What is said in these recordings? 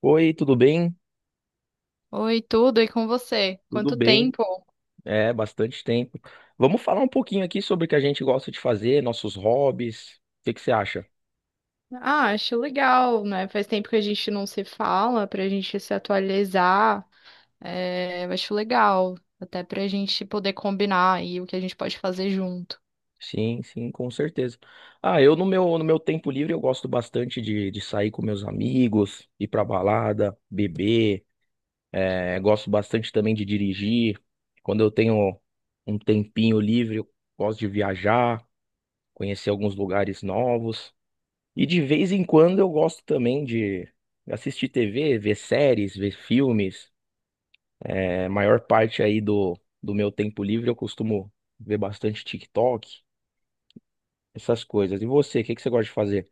Oi, tudo bem? Oi, tudo e com você? Tudo Quanto bem? tempo? É, bastante tempo. Vamos falar um pouquinho aqui sobre o que a gente gosta de fazer, nossos hobbies. O que que você acha? Ah, acho legal, né? Faz tempo que a gente não se fala, pra gente se atualizar. É, eu acho legal, até pra gente poder combinar aí o que a gente pode fazer junto. Sim, sim, com certeza. Ah, eu no meu tempo livre eu gosto bastante de sair com meus amigos, ir pra balada, beber. É, gosto bastante também de dirigir. Quando eu tenho um tempinho livre, eu gosto de viajar, conhecer alguns lugares novos. E de vez em quando eu gosto também de assistir TV, ver séries, ver filmes. É, a maior parte aí do meu tempo livre eu costumo ver bastante TikTok, essas coisas. E você, o que que você gosta de fazer?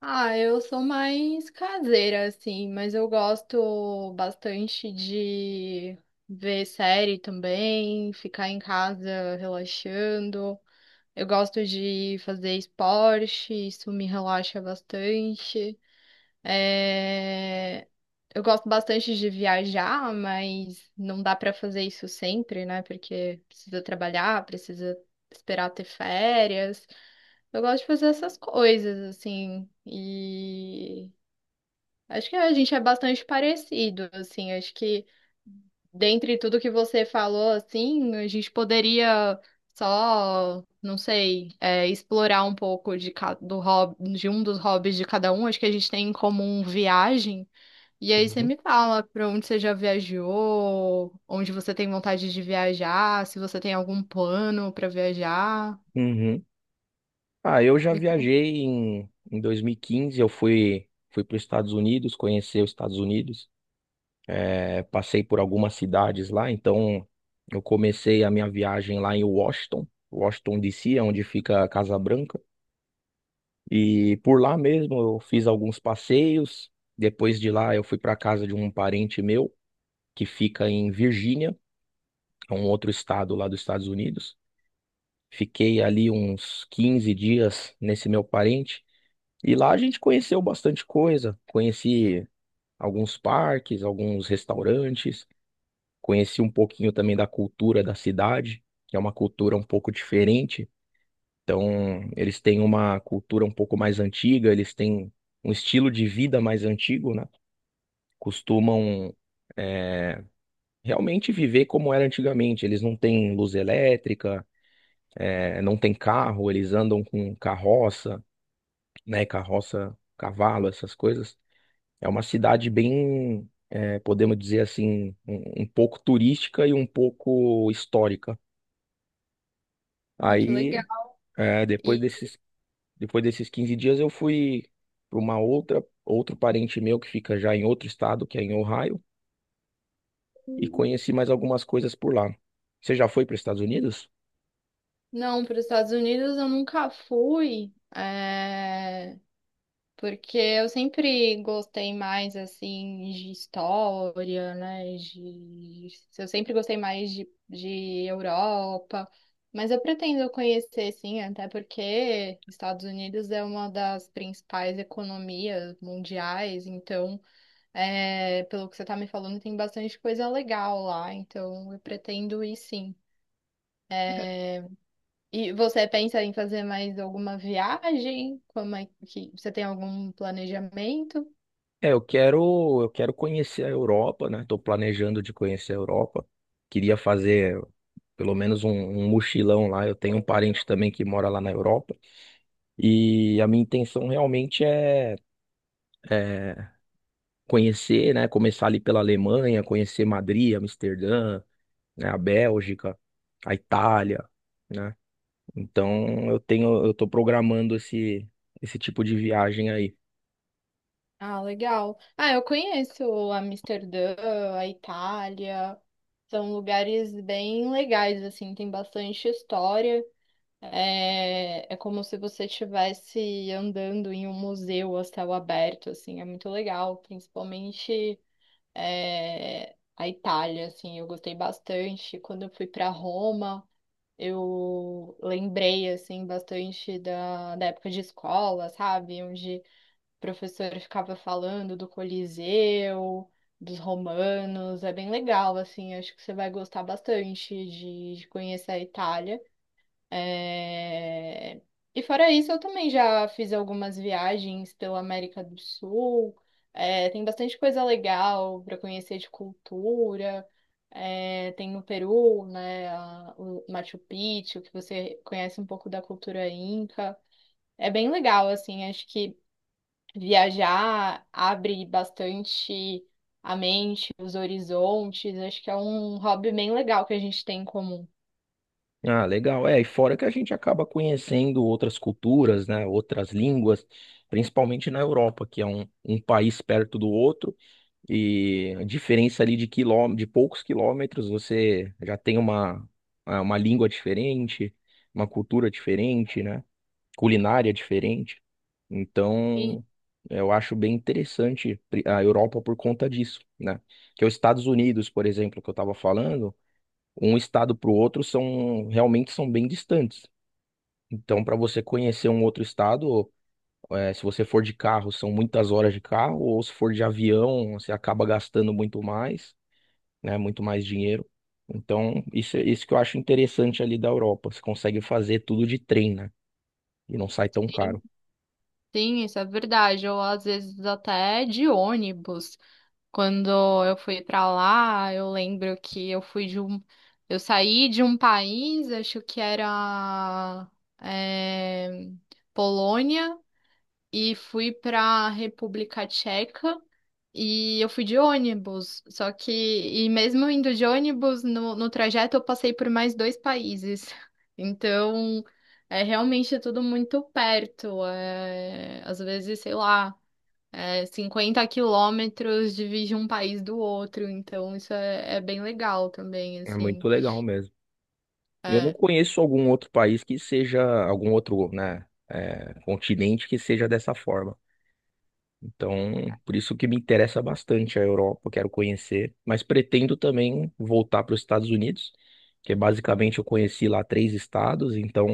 Ah, eu sou mais caseira, assim, mas eu gosto bastante de ver série também, ficar em casa relaxando. Eu gosto de fazer esporte, isso me relaxa bastante. É, Eu gosto bastante de viajar, mas não dá para fazer isso sempre, né? Porque precisa trabalhar, precisa esperar ter férias. Eu gosto de fazer essas coisas, assim. Acho que a gente é bastante parecido, assim. Acho que dentre tudo que você falou, assim, a gente poderia só, não sei, explorar um pouco do hobby, de um dos hobbies de cada um. Acho que a gente tem em comum viagem. E aí você Uhum. me fala para onde você já viajou, onde você tem vontade de viajar, se você tem algum plano para viajar. Uhum. Ah, eu já Me conta. viajei em 2015, eu fui para os Estados Unidos, conhecer os Estados Unidos. É, passei por algumas cidades lá, então eu comecei a minha viagem lá em Washington, Washington DC, onde fica a Casa Branca. E por lá mesmo eu fiz alguns passeios. Depois de lá eu fui para casa de um parente meu que fica em Virgínia, é um outro estado lá dos Estados Unidos. Fiquei ali uns 15 dias nesse meu parente e lá a gente conheceu bastante coisa. Conheci alguns parques, alguns restaurantes, conheci um pouquinho também da cultura da cidade, que é uma cultura um pouco diferente. Então, eles têm uma cultura um pouco mais antiga, eles têm um estilo de vida mais antigo, né? Costumam é, realmente viver como era antigamente. Eles não têm luz elétrica, não têm carro, eles andam com carroça, né? Carroça, cavalo, essas coisas. É uma cidade bem, podemos dizer assim, um pouco turística e um pouco histórica. Ah, que legal. Aí, eh, depois desse Depois desses 15 dias eu fui para outro parente meu que fica já em outro estado, que é em Ohio, E e conheci mais algumas coisas por lá. Você já foi para os Estados Unidos? Não, para os Estados Unidos eu nunca fui, porque eu sempre gostei mais assim de história, né? De... Eu sempre gostei mais de Europa, mas eu pretendo conhecer sim, até porque Estados Unidos é uma das principais economias mundiais, então, pelo que você está me falando, tem bastante coisa legal lá, então eu pretendo ir sim. E você pensa em fazer mais alguma viagem? Como é que você tem algum planejamento? É, eu quero conhecer a Europa, né? Estou planejando de conhecer a Europa. Queria fazer pelo menos um mochilão lá. Eu tenho um parente também que mora lá na Europa. E a minha intenção realmente é conhecer, né? Começar ali pela Alemanha, conhecer Madrid, Amsterdã, né, a Bélgica, a Itália, né? Então eu tô programando esse tipo de viagem aí. Ah, legal. Ah, eu conheço Amsterdã, a Itália. São lugares bem legais, assim, tem bastante história. É, é como se você estivesse andando em um museu a céu aberto, assim, é muito legal, principalmente a Itália, assim, eu gostei bastante quando eu fui para Roma. Eu lembrei, assim, bastante da época de escola, sabe? Onde o professor ficava falando do Coliseu, dos romanos. É bem legal, assim. Acho que você vai gostar bastante de conhecer a Itália. É, E fora isso, eu também já fiz algumas viagens pela América do Sul. É, tem bastante coisa legal para conhecer de cultura. É, tem no Peru, né, o Machu Picchu, que você conhece um pouco da cultura inca. É bem legal, assim, acho que viajar abre bastante a mente, os horizontes. Acho que é um hobby bem legal que a gente tem em comum. Ah, legal. É, e fora que a gente acaba conhecendo outras culturas, né, outras línguas, principalmente na Europa, que é um país perto do outro, e a diferença ali de poucos quilômetros, você já tem uma língua diferente, uma cultura diferente, né? Culinária diferente. Sim. Então, eu acho bem interessante a Europa por conta disso, né? Que é os Estados Unidos, por exemplo, que eu estava falando, um estado para o outro são realmente são bem distantes. Então, para você conhecer um outro estado, se você for de carro, são muitas horas de carro, ou se for de avião, você acaba gastando muito mais, né? Muito mais dinheiro. Então, isso que eu acho interessante ali da Europa. Você consegue fazer tudo de trem, né? E não sai tão caro. Sim, isso é verdade. Ou às vezes até de ônibus. Quando eu fui pra lá, eu lembro que eu fui de um. Eu saí de um país, acho que era eh, Polônia e fui para República Tcheca e eu fui de ônibus. Só que, e mesmo indo de ônibus, no trajeto eu passei por mais dois países. Então, é realmente tudo muito perto. É, às vezes, sei lá, é, 50 km divide um país do outro. Então, isso é, é bem legal também, É assim. muito legal mesmo. Eu não É, conheço algum outro país que seja, algum outro, né, continente que seja dessa forma. Então, por isso que me interessa bastante a Europa, quero conhecer, mas pretendo também voltar para os Estados Unidos, que é basicamente eu conheci lá três estados, então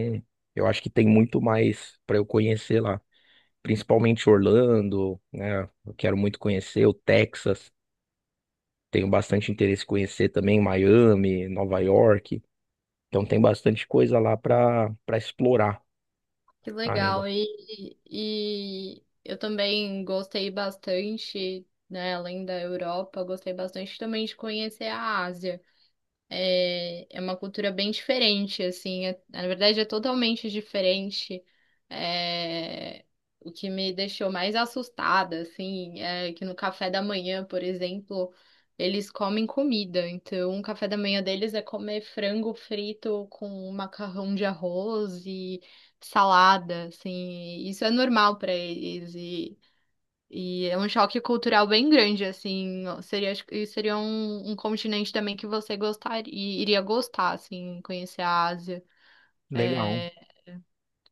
eu acho que tem muito mais para eu conhecer lá, principalmente Orlando, né? Eu quero muito conhecer o Texas, tenho bastante interesse em conhecer também Miami, Nova York. Então tem bastante coisa lá para explorar. Que Ainda. legal. E eu também gostei bastante, né, além da Europa, eu gostei bastante também de conhecer a Ásia. É, é uma cultura bem diferente, assim, na verdade é totalmente diferente. É, o que me deixou mais assustada, assim, é que no café da manhã, por exemplo, eles comem comida. Então, o café da manhã deles é comer frango frito com macarrão de arroz e salada, assim. Isso é normal para eles e é um choque cultural bem grande, assim. Seria, acho que seria um continente também que você gostaria, iria gostar, assim, conhecer a Ásia. Legal. É,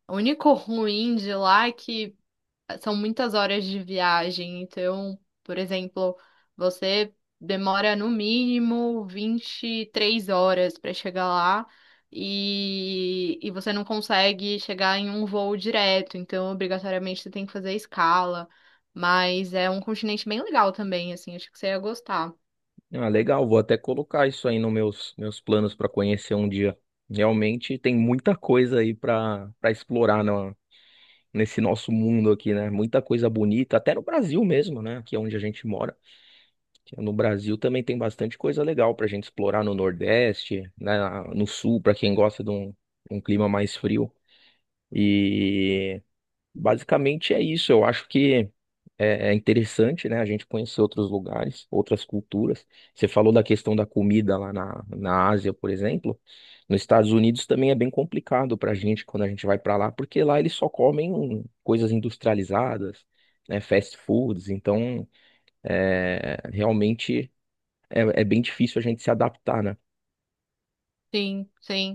o único ruim de lá é que são muitas horas de viagem. Então, por exemplo, você demora no mínimo 23 horas para chegar lá e você não consegue chegar em um voo direto. Então, obrigatoriamente, você tem que fazer escala. Mas é um continente bem legal também, assim, acho que você ia gostar. Ah, legal. Vou até colocar isso aí nos meus planos para conhecer um dia. Realmente tem muita coisa aí para explorar no, nesse nosso mundo aqui, né? Muita coisa bonita, até no Brasil mesmo, né? Aqui é onde a gente mora. No Brasil também tem bastante coisa legal para a gente explorar no Nordeste, né? No Sul, para quem gosta de um clima mais frio. E basicamente é isso. Eu acho que é interessante, né, a gente conhecer outros lugares, outras culturas. Você falou da questão da comida lá na Ásia, por exemplo. Nos Estados Unidos também é bem complicado para a gente quando a gente vai para lá, porque lá eles só comem coisas industrializadas, né, fast foods. Então, realmente é bem difícil a gente se adaptar, né? Sim, sim.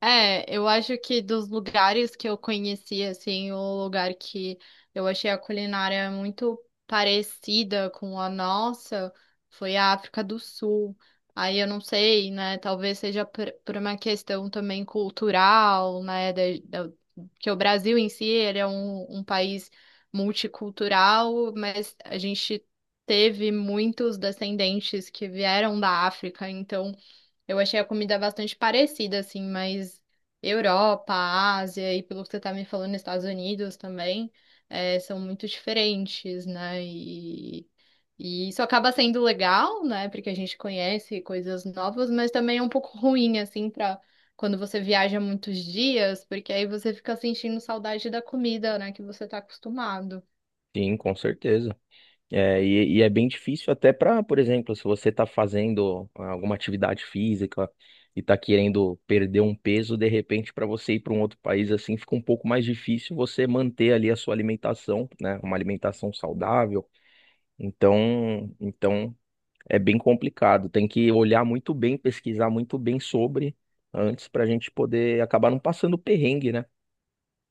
É, eu acho que dos lugares que eu conheci, assim, o lugar que eu achei a culinária muito parecida com a nossa foi a África do Sul. Aí eu não sei, né? Talvez seja por uma questão também cultural, né? Que o Brasil em si, ele é um país multicultural, mas a gente teve muitos descendentes que vieram da África, então. Eu achei a comida bastante parecida, assim, mas Europa, Ásia e pelo que você tá me falando, Estados Unidos também, são muito diferentes, né? E isso acaba sendo legal, né? Porque a gente conhece coisas novas, mas também é um pouco ruim, assim, pra quando você viaja muitos dias, porque aí você fica sentindo saudade da comida, né? Que você tá acostumado. Sim, com certeza. É, e é bem difícil até para, por exemplo, se você está fazendo alguma atividade física e está querendo perder um peso, de repente, para você ir para um outro país assim, fica um pouco mais difícil você manter ali a sua alimentação, né? Uma alimentação saudável. Então, é bem complicado. Tem que olhar muito bem, pesquisar muito bem sobre antes para a gente poder acabar não passando perrengue, né?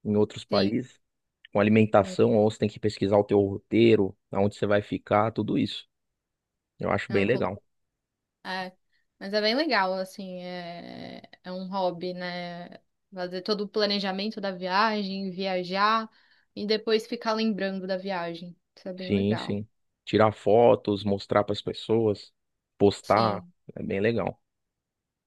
Em outros Sim, países, com não, alimentação, ou você tem que pesquisar o teu roteiro, aonde você vai ficar, tudo isso. Eu acho bem não, legal. É, mas é bem legal, assim, é um hobby, né? Fazer todo o planejamento da viagem, viajar e depois ficar lembrando da viagem. Isso é bem Sim, legal. sim. Tirar fotos, mostrar para as pessoas, postar, Sim, é bem legal.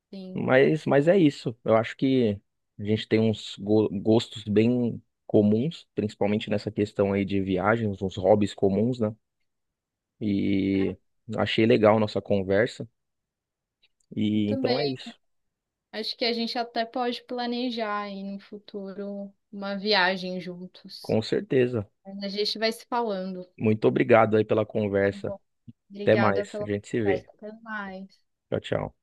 sim. Mas, é isso. Eu acho que a gente tem uns gostos bem comuns, principalmente nessa questão aí de viagens, uns hobbies comuns, né? E achei legal a nossa conversa. Eu E também. então é isso. Acho que a gente até pode planejar aí no futuro uma viagem juntos. Com certeza. Mas a gente vai se falando. Muito obrigado aí pela Tá conversa. bom. Até Obrigada mais. A pela gente se vê. conversa. Até mais. Tchau, tchau.